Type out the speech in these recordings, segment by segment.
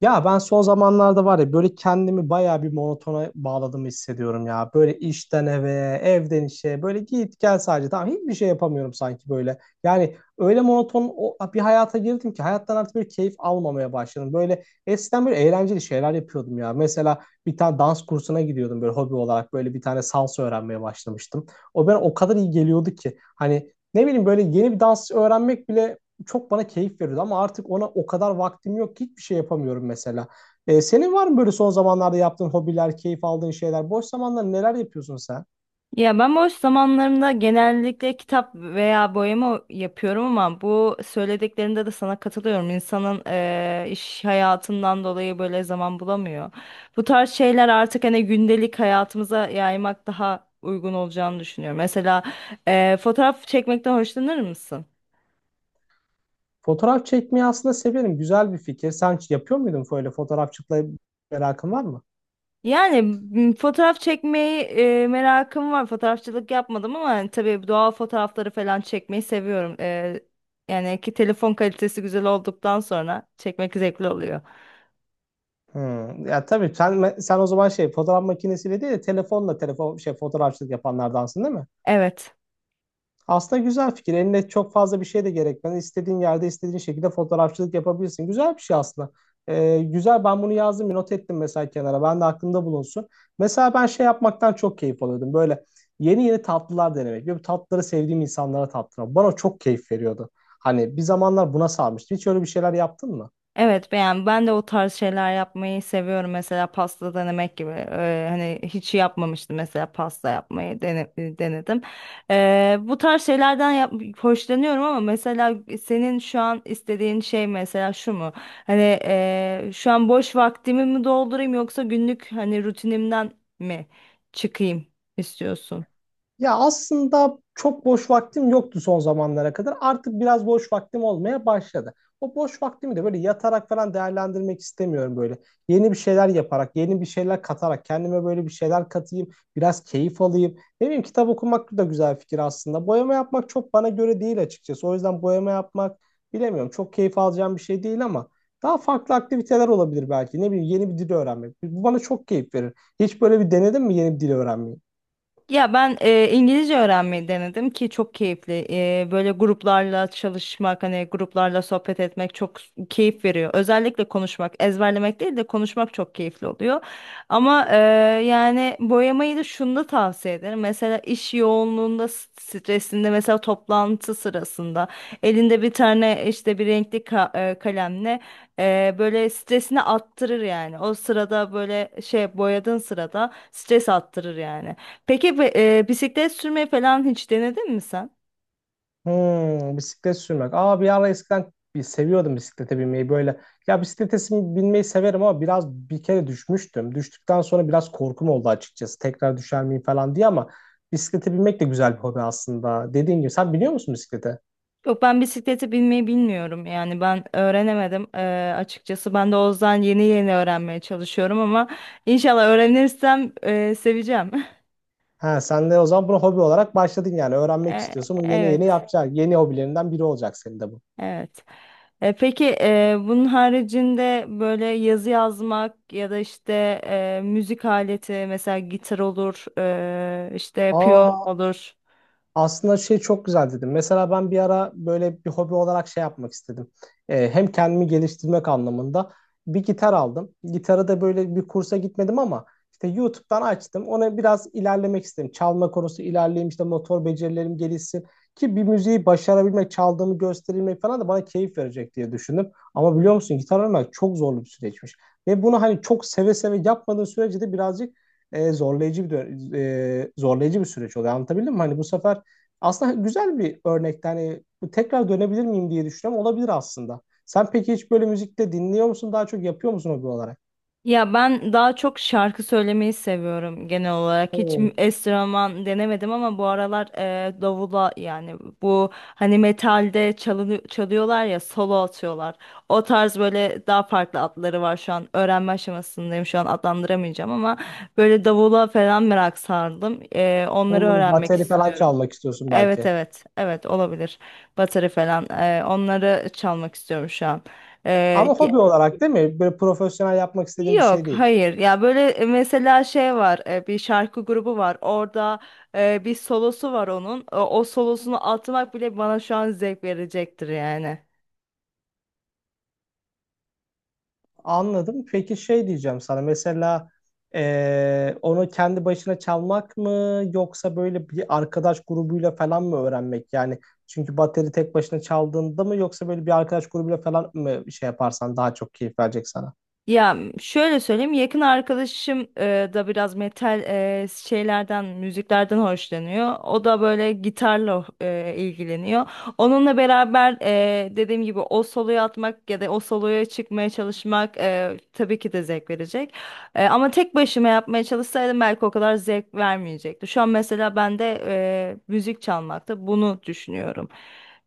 Ya ben son zamanlarda var ya böyle kendimi bayağı bir monotona bağladığımı hissediyorum ya. Böyle işten eve, evden işe böyle git gel sadece. Tamam hiçbir şey yapamıyorum sanki böyle. Yani öyle monoton bir hayata girdim ki hayattan artık böyle keyif almamaya başladım. Böyle eskiden böyle eğlenceli şeyler yapıyordum ya. Mesela bir tane dans kursuna gidiyordum böyle hobi olarak böyle bir tane salsa öğrenmeye başlamıştım. O bana o kadar iyi geliyordu ki hani ne bileyim böyle yeni bir dans öğrenmek bile çok bana keyif veriyordu ama artık ona o kadar vaktim yok ki hiçbir şey yapamıyorum mesela. Senin var mı böyle son zamanlarda yaptığın hobiler, keyif aldığın şeyler? Boş zamanlarda neler yapıyorsun sen? Ya ben boş zamanlarımda genellikle kitap veya boyama yapıyorum ama bu söylediklerinde de sana katılıyorum. İnsanın iş hayatından dolayı böyle zaman bulamıyor. Bu tarz şeyler artık hani gündelik hayatımıza yaymak daha uygun olacağını düşünüyorum. Mesela fotoğraf çekmekten hoşlanır mısın? Fotoğraf çekmeyi aslında severim. Güzel bir fikir. Sen hiç yapıyor muydun böyle fotoğrafçılıkla merakın var mı? Yani fotoğraf çekmeyi merakım var. Fotoğrafçılık yapmadım ama yani tabii doğal fotoğrafları falan çekmeyi seviyorum. Yani ki telefon kalitesi güzel olduktan sonra çekmek zevkli oluyor. Hmm. Ya tabii sen o zaman şey fotoğraf makinesiyle değil de telefonla telefon şey fotoğrafçılık yapanlardansın değil mi? Evet. Aslında güzel fikir. Eline çok fazla bir şey de gerekmez. İstediğin yerde, istediğin şekilde fotoğrafçılık yapabilirsin. Güzel bir şey aslında. Güzel. Ben bunu yazdım, bir not ettim mesela kenara. Ben de aklımda bulunsun. Mesela ben şey yapmaktan çok keyif alıyordum. Böyle yeni yeni tatlılar denemek. Böyle tatlıları sevdiğim insanlara tattırmak. Bana çok keyif veriyordu. Hani bir zamanlar buna sarmıştım. Hiç öyle bir şeyler yaptın mı? Evet beğen. Ben de o tarz şeyler yapmayı seviyorum. Mesela pasta denemek gibi. Hani hiç yapmamıştım mesela pasta yapmayı denedim. Bu tarz şeylerden yap hoşlanıyorum ama mesela senin şu an istediğin şey mesela şu mu? Hani şu an boş vaktimi mi doldurayım yoksa günlük hani rutinimden mi çıkayım istiyorsun? Ya aslında çok boş vaktim yoktu son zamanlara kadar. Artık biraz boş vaktim olmaya başladı. O boş vaktimi de böyle yatarak falan değerlendirmek istemiyorum böyle. Yeni bir şeyler yaparak, yeni bir şeyler katarak, kendime böyle bir şeyler katayım, biraz keyif alayım. Ne bileyim kitap okumak da güzel fikir aslında. Boyama yapmak çok bana göre değil açıkçası. O yüzden boyama yapmak bilemiyorum. Çok keyif alacağım bir şey değil ama daha farklı aktiviteler olabilir belki. Ne bileyim yeni bir dil öğrenmek. Bu bana çok keyif verir. Hiç böyle bir denedin mi yeni bir dil öğrenmeyi? Ya ben İngilizce öğrenmeyi denedim ki çok keyifli. Böyle gruplarla çalışmak, hani gruplarla sohbet etmek çok keyif veriyor. Özellikle konuşmak, ezberlemek değil de konuşmak çok keyifli oluyor. Ama yani boyamayı da şunu tavsiye ederim. Mesela iş yoğunluğunda, stresinde, mesela toplantı sırasında elinde bir tane işte bir renkli kalemle böyle stresini attırır yani. O sırada böyle şey boyadığın sırada stres attırır yani. Peki bisiklet sürmeyi falan hiç denedin mi sen? Bisiklet sürmek. Aa, bir ara eskiden bir seviyordum bisiklete binmeyi böyle. Ya bisiklete binmeyi severim ama biraz bir kere düşmüştüm. Düştükten sonra biraz korkum oldu açıkçası. Tekrar düşer miyim falan diye ama bisiklete binmek de güzel bir hobi aslında. Dediğin gibi sen biliyor musun bisiklete? Yok, ben bisiklete binmeyi bilmiyorum yani ben öğrenemedim. Açıkçası ben de o yüzden yeni yeni öğrenmeye çalışıyorum ama inşallah öğrenirsem seveceğim. Ha, sen de o zaman bunu hobi olarak başladın yani. Öğrenmek E, istiyorsun. Bunu yeni yeni evet yapacaksın. Yeni hobilerinden biri olacak senin de bu. evet. Peki bunun haricinde böyle yazı yazmak ya da işte müzik aleti mesela gitar olur işte piyano Aa. olur. Aslında şey çok güzel dedim. Mesela ben bir ara böyle bir hobi olarak şey yapmak istedim. Hem kendimi geliştirmek anlamında bir gitar aldım. Gitarı da böyle bir kursa gitmedim ama işte YouTube'dan açtım. Ona biraz ilerlemek istedim. Çalma konusu ilerleyeyim işte motor becerilerim gelişsin. Ki bir müziği başarabilmek, çaldığımı gösterilmek falan da bana keyif verecek diye düşündüm. Ama biliyor musun gitar öğrenmek çok zorlu bir süreçmiş. Ve bunu hani çok seve seve yapmadığın sürece de birazcık e, zorlayıcı bir dö- zorlayıcı bir süreç oluyor. Anlatabildim mi? Hani bu sefer aslında güzel bir örnek. Yani bu tekrar dönebilir miyim diye düşünüyorum. Olabilir aslında. Sen peki hiç böyle müzikte dinliyor musun? Daha çok yapıyor musun hobi olarak? Ya ben daha çok şarkı söylemeyi seviyorum genel olarak. Hiç Hmm, enstrüman denemedim ama bu aralar davula yani bu hani metalde çalıyorlar ya solo atıyorlar. O tarz böyle daha farklı adları var şu an. Öğrenme aşamasındayım şu an adlandıramayacağım ama böyle davula falan merak sardım. Onları hmm. öğrenmek Bateri falan istiyorum. çalmak istiyorsun Evet belki. evet evet, olabilir. Bateri falan onları çalmak istiyorum şu an. Ama hobi olarak değil mi? Böyle profesyonel yapmak istediğin bir Yok, şey değil. hayır. Ya böyle mesela şey var, bir şarkı grubu var. Orada bir solosu var onun. O solosunu atmak bile bana şu an zevk verecektir yani. Anladım. Peki şey diyeceğim sana. Mesela onu kendi başına çalmak mı yoksa böyle bir arkadaş grubuyla falan mı öğrenmek? Yani çünkü bateri tek başına çaldığında mı yoksa böyle bir arkadaş grubuyla falan mı şey yaparsan daha çok keyif verecek sana? Ya şöyle söyleyeyim, yakın arkadaşım da biraz metal şeylerden, müziklerden hoşlanıyor. O da böyle gitarla ilgileniyor. Onunla beraber dediğim gibi o soloyu atmak ya da o soloya çıkmaya çalışmak tabii ki de zevk verecek. Ama tek başıma yapmaya çalışsaydım belki o kadar zevk vermeyecekti. Şu an mesela ben de müzik çalmakta bunu düşünüyorum.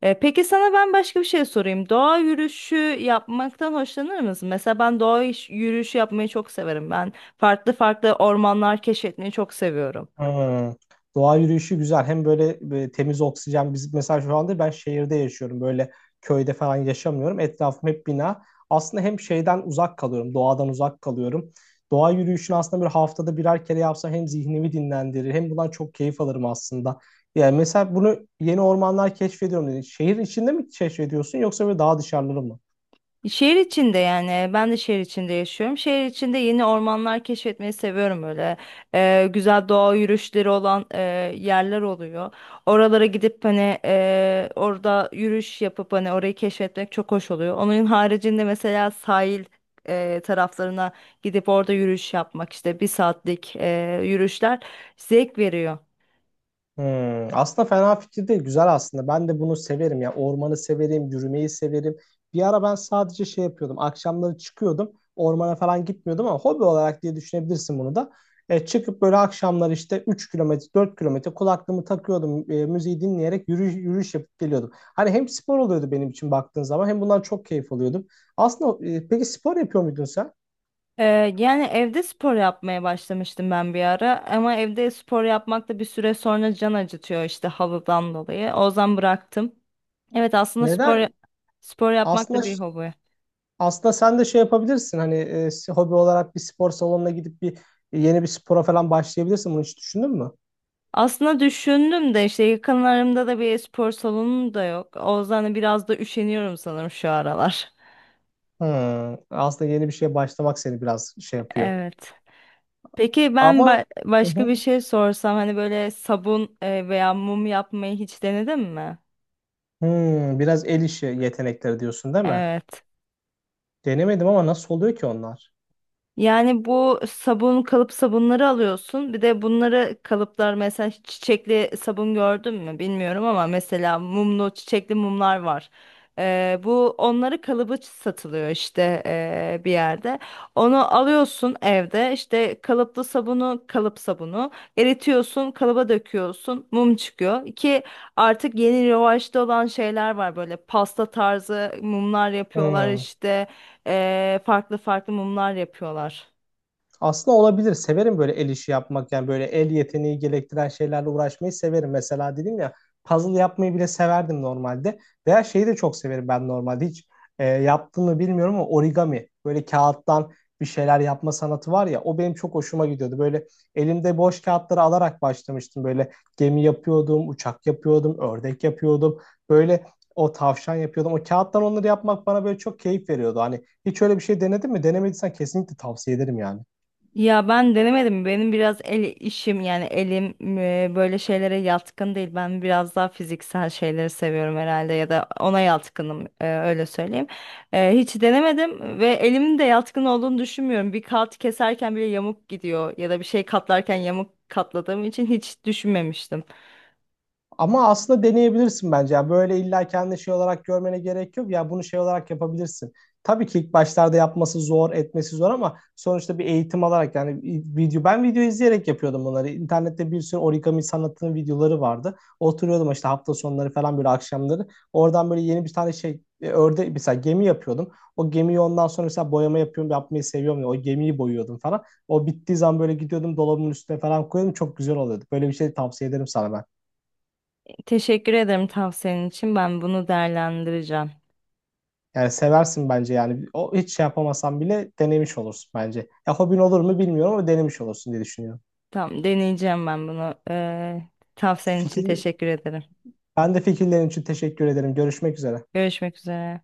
Peki sana ben başka bir şey sorayım. Doğa yürüyüşü yapmaktan hoşlanır mısın? Mesela ben doğa yürüyüşü yapmayı çok severim. Ben farklı farklı ormanlar keşfetmeyi çok seviyorum. Hmm. Doğa yürüyüşü güzel. Hem böyle temiz oksijen. Biz mesela şu anda ben şehirde yaşıyorum. Böyle köyde falan yaşamıyorum. Etrafım hep bina. Aslında hem şeyden uzak kalıyorum. Doğadan uzak kalıyorum. Doğa yürüyüşünü aslında bir haftada birer kere yapsam hem zihnimi dinlendirir hem bundan çok keyif alırım aslında. Yani mesela bunu yeni ormanlar keşfediyorum dedin. Şehir içinde mi keşfediyorsun yoksa böyle daha dışarıları mı? Şehir içinde, yani ben de şehir içinde yaşıyorum. Şehir içinde yeni ormanlar keşfetmeyi seviyorum öyle. Güzel doğa yürüyüşleri olan yerler oluyor. Oralara gidip hani orada yürüyüş yapıp hani orayı keşfetmek çok hoş oluyor. Onun haricinde mesela sahil taraflarına gidip orada yürüyüş yapmak, işte bir saatlik yürüyüşler zevk veriyor. Aslında fena fikir değil. Güzel aslında. Ben de bunu severim ya. Ormanı severim, yürümeyi severim. Bir ara ben sadece şey yapıyordum. Akşamları çıkıyordum. Ormana falan gitmiyordum ama hobi olarak diye düşünebilirsin bunu da. Çıkıp böyle akşamları işte 3 km, 4 km kulaklığımı takıyordum. Müziği dinleyerek yürüyüş yapıp geliyordum. Hani hem spor oluyordu benim için baktığın zaman hem bundan çok keyif alıyordum. Aslında peki spor yapıyor muydun sen? Yani evde spor yapmaya başlamıştım ben bir ara ama evde spor yapmak da bir süre sonra can acıtıyor işte havadan dolayı. O yüzden bıraktım. Evet, aslında spor Neden? spor yapmak Aslında da evet. bir hobi. Aslında sen de şey yapabilirsin hani hobi olarak bir spor salonuna gidip bir yeni bir spora falan başlayabilirsin. Bunu hiç düşündün mü? Aslında düşündüm de işte yakınlarımda da bir spor salonu da yok. O yüzden de biraz da üşeniyorum sanırım şu aralar. Aslında yeni bir şeye başlamak seni biraz şey yapıyor. Evet. Peki ben Ama. Hı başka hı. bir şey sorsam hani böyle sabun veya mum yapmayı hiç denedin mi? Biraz el işi yetenekleri diyorsun değil mi? Evet. Denemedim ama nasıl oluyor ki onlar? Yani bu sabun kalıp sabunları alıyorsun. Bir de bunları kalıplar, mesela hiç çiçekli sabun gördün mü bilmiyorum ama mesela mumlu çiçekli mumlar var. Bu onları kalıbı satılıyor işte bir yerde. Onu alıyorsun evde, işte kalıplı sabunu kalıp sabunu eritiyorsun, kalıba döküyorsun, mum çıkıyor. Ki artık yeni revaçta olan şeyler var, böyle pasta tarzı mumlar yapıyorlar Hmm. işte. Farklı farklı mumlar yapıyorlar. Aslında olabilir. Severim böyle el işi yapmak. Yani böyle el yeteneği gerektiren şeylerle uğraşmayı severim. Mesela dedim ya puzzle yapmayı bile severdim normalde. Veya şeyi de çok severim ben normalde. Hiç yaptığımı bilmiyorum ama origami. Böyle kağıttan bir şeyler yapma sanatı var ya. O benim çok hoşuma gidiyordu. Böyle elimde boş kağıtları alarak başlamıştım. Böyle gemi yapıyordum, uçak yapıyordum, ördek yapıyordum. Böyle o tavşan yapıyordum. O kağıttan onları yapmak bana böyle çok keyif veriyordu. Hani hiç öyle bir şey denedin mi? Denemediysen kesinlikle tavsiye ederim yani. Ya ben denemedim. Benim biraz el işim yani elim böyle şeylere yatkın değil. Ben biraz daha fiziksel şeyleri seviyorum herhalde ya da ona yatkınım, öyle söyleyeyim. Hiç denemedim ve elimin de yatkın olduğunu düşünmüyorum. Bir kağıt keserken bile yamuk gidiyor ya da bir şey katlarken yamuk katladığım için hiç düşünmemiştim. Ama aslında deneyebilirsin bence. Yani böyle illa kendi şey olarak görmene gerek yok. Ya bunu şey olarak yapabilirsin. Tabii ki ilk başlarda yapması zor, etmesi zor ama sonuçta bir eğitim alarak yani ben video izleyerek yapıyordum bunları. İnternette bir sürü origami sanatının videoları vardı. Oturuyordum işte hafta sonları falan böyle akşamları. Oradan böyle yeni bir tane şey örde mesela gemi yapıyordum. O gemiyi ondan sonra mesela boyama yapıyorum, yapmayı seviyorum ya. O gemiyi boyuyordum falan. O bittiği zaman böyle gidiyordum dolabımın üstüne falan koyuyordum. Çok güzel oluyordu. Böyle bir şey tavsiye ederim sana ben. Teşekkür ederim tavsiyenin için. Ben bunu değerlendireceğim. Yani seversin bence yani. O hiç şey yapamasan bile denemiş olursun bence. Ya hobin olur mu bilmiyorum ama denemiş olursun diye düşünüyorum. Tamam, deneyeceğim ben bunu. Tavsiyenin için Fikir, teşekkür ederim. Ben de fikirlerin için teşekkür ederim. Görüşmek üzere. Görüşmek üzere.